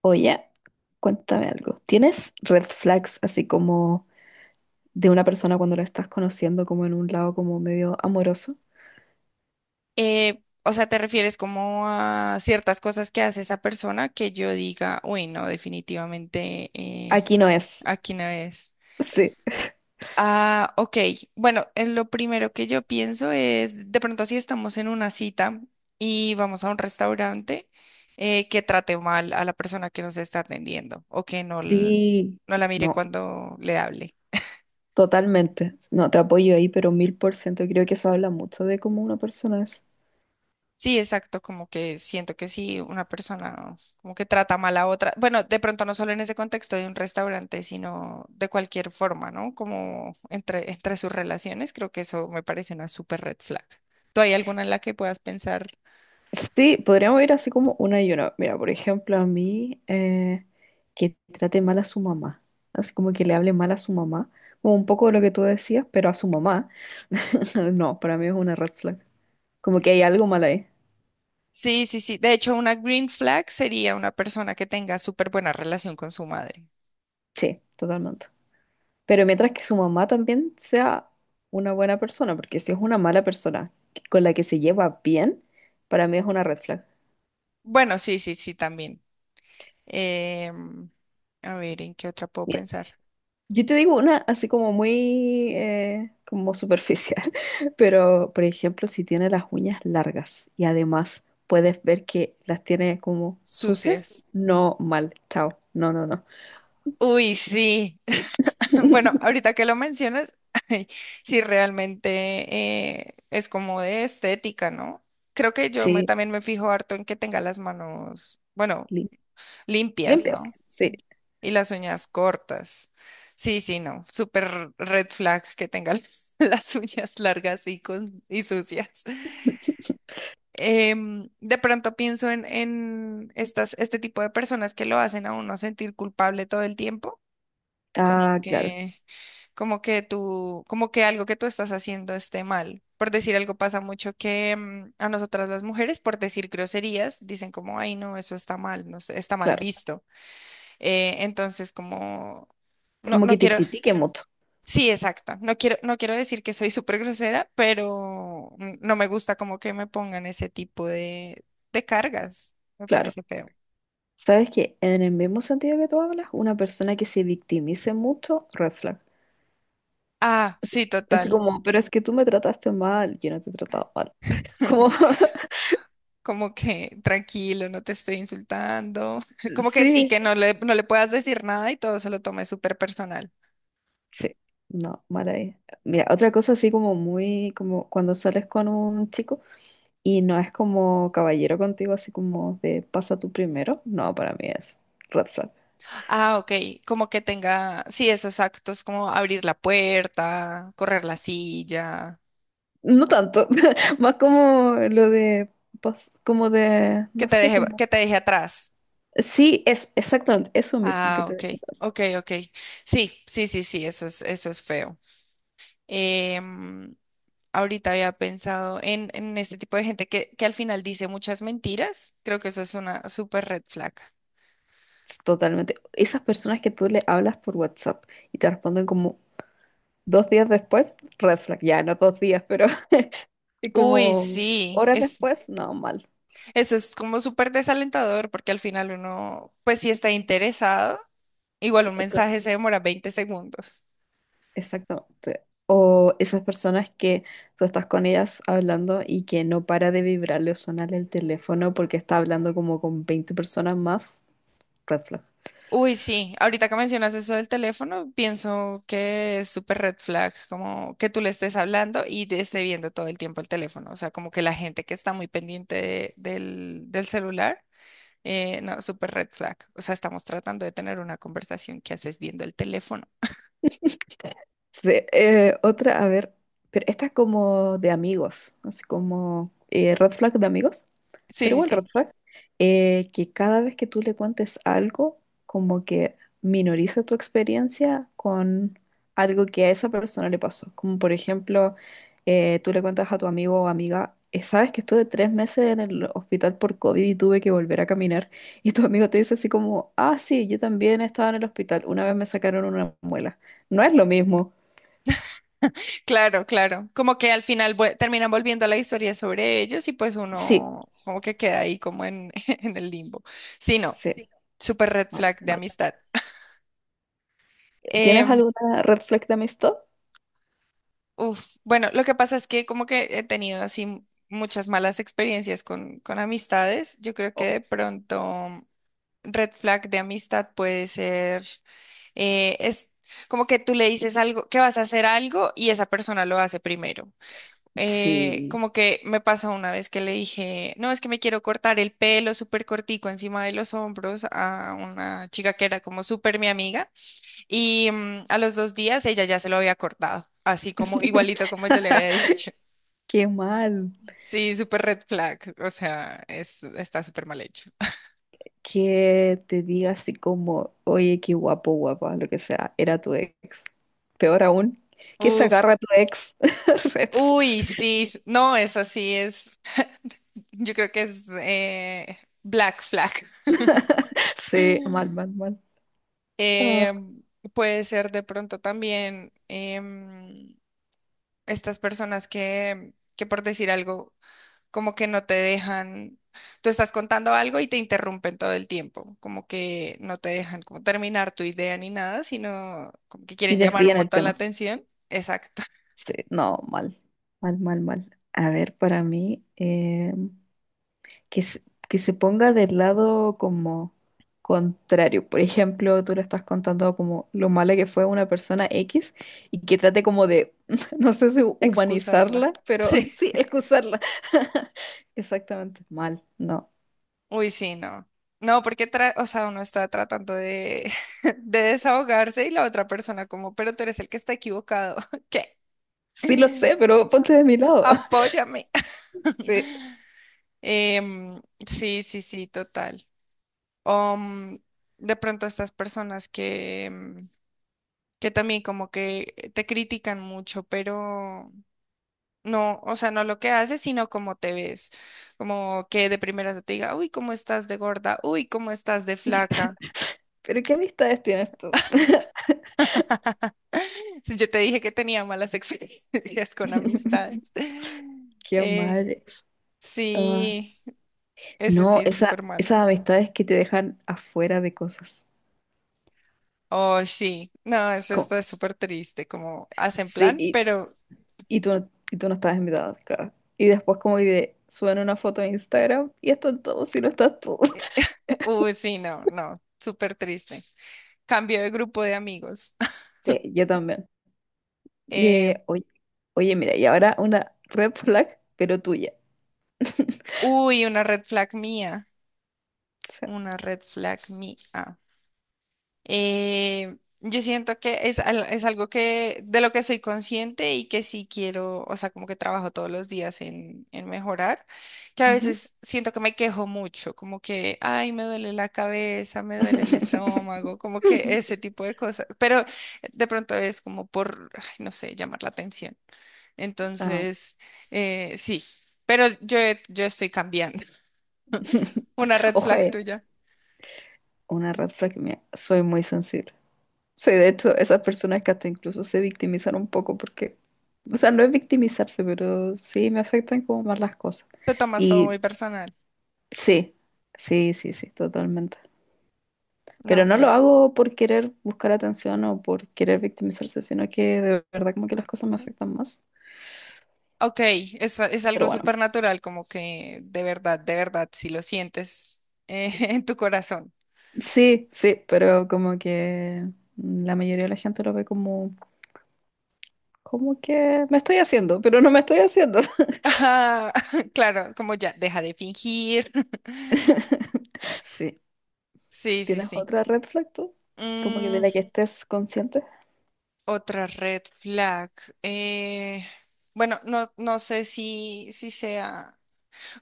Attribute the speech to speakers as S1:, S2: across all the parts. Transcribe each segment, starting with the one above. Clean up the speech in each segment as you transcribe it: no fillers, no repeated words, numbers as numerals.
S1: Oye, cuéntame algo. ¿Tienes red flags así como de una persona cuando la estás conociendo como en un lado como medio amoroso?
S2: ¿Te refieres como a ciertas cosas que hace esa persona que yo diga, uy, no, definitivamente
S1: Aquí no es.
S2: aquí no es?
S1: Sí.
S2: Ah, ok. Bueno, lo primero que yo pienso es, de pronto si estamos en una cita y vamos a un restaurante, que trate mal a la persona que nos está atendiendo o que no,
S1: Sí.
S2: no la mire
S1: No,
S2: cuando le hable.
S1: totalmente. No, te apoyo ahí, pero 1000%. Creo que eso habla mucho de cómo una persona es.
S2: Sí, exacto, como que siento que si una persona como que trata mal a otra, bueno, de pronto no solo en ese contexto de un restaurante, sino de cualquier forma, ¿no? Como entre sus relaciones, creo que eso me parece una super red flag. ¿Tú hay alguna en la que puedas pensar?
S1: Sí, podríamos ir así como una y una. Mira, por ejemplo, a mí que trate mal a su mamá. Así como que le hable mal a su mamá. Como un poco de lo que tú decías, pero a su mamá. No, para mí es una red flag. Como que hay algo mal ahí.
S2: Sí, sí, sí. De hecho, una green flag sería una persona que tenga súper buena relación con su madre.
S1: Sí, totalmente. Pero mientras que su mamá también sea una buena persona, porque si es una mala persona con la que se lleva bien, para mí es una red flag.
S2: Bueno, sí, sí, sí, también. Em, a ver, ¿en qué otra puedo
S1: Mira,
S2: pensar?
S1: yo te digo una así como muy como superficial, pero por ejemplo, si tiene las uñas largas y además puedes ver que las tiene como sucias,
S2: Sucias.
S1: no mal, chao, no, no, no.
S2: Uy, sí. Bueno, ahorita que lo mencionas, ay, sí realmente es como de estética, ¿no? Creo que yo
S1: Sí,
S2: también me fijo harto en que tenga las manos, bueno,
S1: lim-
S2: limpias,
S1: limpias,
S2: ¿no?
S1: sí.
S2: Y las uñas cortas. Sí, sí, no. Súper red flag que tenga las, las uñas largas y, con, y sucias. De pronto pienso en estas, este tipo de personas que lo hacen a uno sentir culpable todo el tiempo. Como
S1: Ah, claro,
S2: que... como que tú, como que algo que tú estás haciendo esté mal. Por decir algo, pasa mucho que a nosotras las mujeres, por decir groserías, dicen como, ay, no, eso está mal, no sé, está mal
S1: claro.
S2: visto. Entonces, como,
S1: Como
S2: no
S1: que te
S2: quiero,
S1: critique mucho,
S2: sí, exacto, no quiero, no quiero decir que soy súper grosera, pero no me gusta como que me pongan ese tipo de cargas. Me
S1: claro.
S2: parece feo.
S1: Sabes que en el mismo sentido que tú hablas, una persona que se victimice mucho, red flag.
S2: Ah,
S1: Así,
S2: sí,
S1: así
S2: total.
S1: como, pero es que tú me trataste mal, yo no te he tratado mal. Como,
S2: Como que tranquilo, no te estoy insultando. Como que sí,
S1: sí,
S2: que no le puedas decir nada y todo se lo tome súper personal.
S1: sí, no, mal ahí. Mira, otra cosa así como muy, como cuando sales con un chico y no es como caballero contigo, así como de pasa tú primero, no, para mí es red flag.
S2: Ah, ok, como que tenga, sí, esos actos como abrir la puerta, correr la silla,
S1: No tanto, más como lo de, como de, no sé, como...
S2: que te deje atrás.
S1: Sí, es exactamente eso mismo que
S2: Ah,
S1: te
S2: ok,
S1: dije atrás.
S2: ok, ok. Sí, sí, sí, sí, eso es feo. Em, Ahorita había pensado en este tipo de gente que al final dice muchas mentiras. Creo que eso es una super red flag.
S1: Es totalmente. Esas personas que tú le hablas por WhatsApp y te responden como dos días después, red flag, ya no dos días, pero y
S2: Uy,
S1: como
S2: sí,
S1: horas
S2: es.
S1: después, no, mal.
S2: Eso es como súper desalentador porque al final uno, pues si está interesado, igual un
S1: Eh, cl-
S2: mensaje se demora 20 segundos.
S1: Exactamente. O esas personas que tú estás con ellas hablando y que no para de vibrarle o sonarle el teléfono porque está hablando como con 20 personas más, red flag.
S2: Uy, sí, ahorita que mencionas eso del teléfono, pienso que es súper red flag, como que tú le estés hablando y te esté viendo todo el tiempo el teléfono, o sea, como que la gente que está muy pendiente del, del celular, no, súper red flag, o sea, estamos tratando de tener una conversación que haces viendo el teléfono.
S1: Sí, otra, a ver, pero esta es como de amigos, así como red flag de amigos,
S2: Sí,
S1: pero
S2: sí,
S1: igual
S2: sí.
S1: red flag, que cada vez que tú le cuentes algo, como que minoriza tu experiencia con algo que a esa persona le pasó. Como por ejemplo, tú le cuentas a tu amigo o amiga, sabes que estuve 3 meses en el hospital por COVID y tuve que volver a caminar, y tu amigo te dice así como, ah, sí, yo también estaba en el hospital, una vez me sacaron una muela. No es lo mismo.
S2: Claro, claro. Como que al final terminan volviendo a la historia sobre ellos y pues
S1: Sí,
S2: uno como que queda ahí como en, en el limbo. Sí, no,
S1: sí. Sí.
S2: súper red
S1: Mal,
S2: flag de
S1: mal.
S2: amistad.
S1: ¿Tienes
S2: Em,
S1: alguna red flag de amistad?
S2: uf, bueno, lo que pasa es que como que he tenido así muchas malas experiencias con amistades. Yo creo que de
S1: Oh,
S2: pronto red flag de amistad puede ser, es como que tú le dices algo, que vas a hacer algo y esa persona lo hace primero.
S1: sí.
S2: Como que me pasó una vez que le dije, no, es que me quiero cortar el pelo súper cortico encima de los hombros a una chica que era como súper mi amiga y a los 2 días ella ya se lo había cortado, así como igualito como yo le había dicho.
S1: Qué mal.
S2: Sí, súper red flag, o sea, es, está súper mal hecho.
S1: Que te diga así como, oye, qué guapo, guapa, lo que sea, era tu ex. Peor aún, que se
S2: Uf,
S1: agarra a tu ex. Red flag.
S2: uy, sí, no, es así, es, yo creo que es black flag.
S1: Sí, mal, mal, mal. Ah.
S2: Em, Puede ser de pronto también estas personas que por decir algo, como que no te dejan, tú estás contando algo y te interrumpen todo el tiempo, como que no te dejan como terminar tu idea ni nada, sino como que
S1: Y
S2: quieren llamar un
S1: desvían el
S2: montón la
S1: tema.
S2: atención. Exacto,
S1: Sí, no, mal. Mal, mal, mal. A ver, para mí, que, se- que se ponga del lado como contrario. Por ejemplo, tú le estás contando como lo mala que fue una persona X y que trate como de, no sé si
S2: excusarla.
S1: humanizarla, pero
S2: Sí.
S1: sí, excusarla. Exactamente, mal, no.
S2: Uy, sí, no. No, porque o sea, uno está tratando de, de desahogarse y la otra persona como, pero tú eres el que está equivocado. ¿Qué?
S1: Sí lo sé, pero ponte de mi lado.
S2: Apóyame.
S1: Sí.
S2: Sí, sí, sí, total. Um, de pronto estas personas que, que también como que te critican mucho, pero no, o sea, no lo que haces, sino cómo te ves. Como que de primeras te diga, uy, cómo estás de gorda, uy, cómo estás de flaca.
S1: ¿Pero qué amistades tienes tú?
S2: Si yo te dije que tenía malas experiencias con amistades.
S1: Qué
S2: Eh,
S1: mal. Ah,
S2: sí, ese
S1: no,
S2: sí es
S1: esa,
S2: súper malo.
S1: esas amistades que te dejan afuera de cosas.
S2: Oh, sí, no, eso
S1: Como-
S2: está súper triste, como hacen plan,
S1: sí,
S2: pero,
S1: y tú, y tú no estabas invitada, claro. Y después como que suben una foto de Instagram y están todos y no estás tú.
S2: uy, sí, no, no, súper triste. Cambio de grupo de amigos.
S1: Sí, yo también.
S2: Eh,
S1: Oye, oye, mira, y ahora una red flag, pero tuya.
S2: uy,
S1: O sea,
S2: una red flag mía. Yo siento que es, es algo que de lo que soy consciente y que sí quiero, o sea, como que trabajo todos los días en mejorar, que a
S1: ujú.
S2: veces siento que me quejo mucho, como que, ay, me duele la cabeza, me duele el estómago, como que ese tipo de cosas, pero de pronto es como por, ay, no sé, llamar la atención.
S1: Ah,
S2: Entonces, sí, pero yo estoy cambiando. Una red
S1: ojo,
S2: flag tuya.
S1: una red flag mía. Soy muy sensible. Soy de hecho esas personas que hasta incluso se victimizan un poco porque, o sea, no es victimizarse, pero sí me afectan como más las cosas.
S2: Te tomas todo
S1: Y
S2: muy personal.
S1: sí, sí, sí, sí, totalmente. Pero
S2: No,
S1: no lo
S2: claro.
S1: hago por querer buscar atención o por querer victimizarse, sino que de verdad como que las cosas me afectan más.
S2: Ok, es
S1: Pero
S2: algo
S1: bueno,
S2: súper natural, como que de verdad, si lo sientes en tu corazón.
S1: sí, sí, pero como que la mayoría de la gente lo ve como, como que me estoy haciendo, pero no me estoy haciendo.
S2: Ah, claro, como ya, deja de fingir.
S1: Sí.
S2: Sí, sí,
S1: ¿Tienes
S2: sí.
S1: otra red flag tú? Como que de
S2: Mm,
S1: la que estés consciente.
S2: otra red flag. eh, bueno, no, no sé si sea.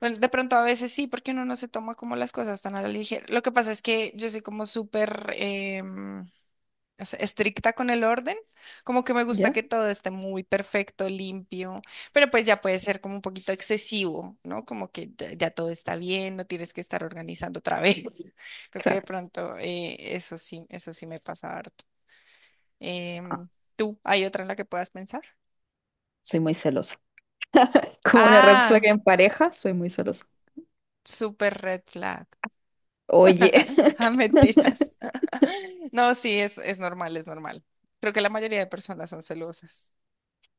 S2: Bueno, de pronto a veces sí, porque uno no se toma como las cosas tan a la ligera. Lo que pasa es que yo soy como súper. O sea, estricta con el orden, como que me gusta
S1: ¿Ya?
S2: que todo esté muy perfecto, limpio, pero pues ya puede ser como un poquito excesivo, ¿no? Como que ya, ya todo está bien, no tienes que estar organizando otra vez. Creo que de
S1: Claro.
S2: pronto eso sí me pasa harto.
S1: Ah,
S2: Em, ¿Tú hay otra en la que puedas pensar?
S1: soy muy celosa. Como una red flag
S2: Ah,
S1: en pareja, soy muy celosa.
S2: super red flag.
S1: Oye.
S2: Ah, mentiras. No, sí, es normal, es normal. Creo que la mayoría de personas son celosas.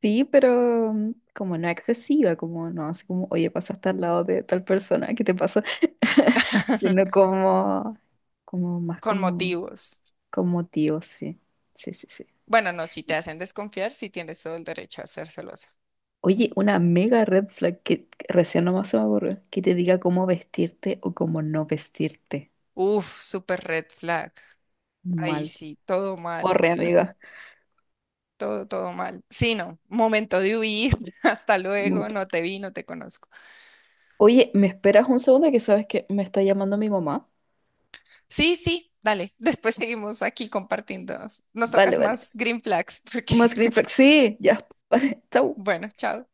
S1: Sí, pero como no excesiva, como no, así como, oye, pasaste al lado de tal persona, ¿qué te pasa? Sino como, como más
S2: Con
S1: como,
S2: motivos.
S1: como tío, sí. Sí, sí, sí.
S2: Bueno, no, si te hacen desconfiar, sí tienes todo el derecho a ser celosa.
S1: Oye, una mega red flag que recién nomás se me ocurrió, que te diga cómo vestirte o cómo no vestirte.
S2: Uf, súper red flag. Ahí
S1: Mal.
S2: sí, todo mal,
S1: Corre, amiga.
S2: todo, todo mal. Sí, no, momento de huir, hasta
S1: Mm.
S2: luego, no te vi, no te conozco.
S1: Oye, ¿me esperas un segundo que sabes que me está llamando mi mamá?
S2: Sí, sí, dale, después seguimos aquí compartiendo. Nos
S1: Vale,
S2: tocas
S1: vale.
S2: más green flags, porque,
S1: Más green flag. Sí, ya. Vale, chau.
S2: bueno, chao.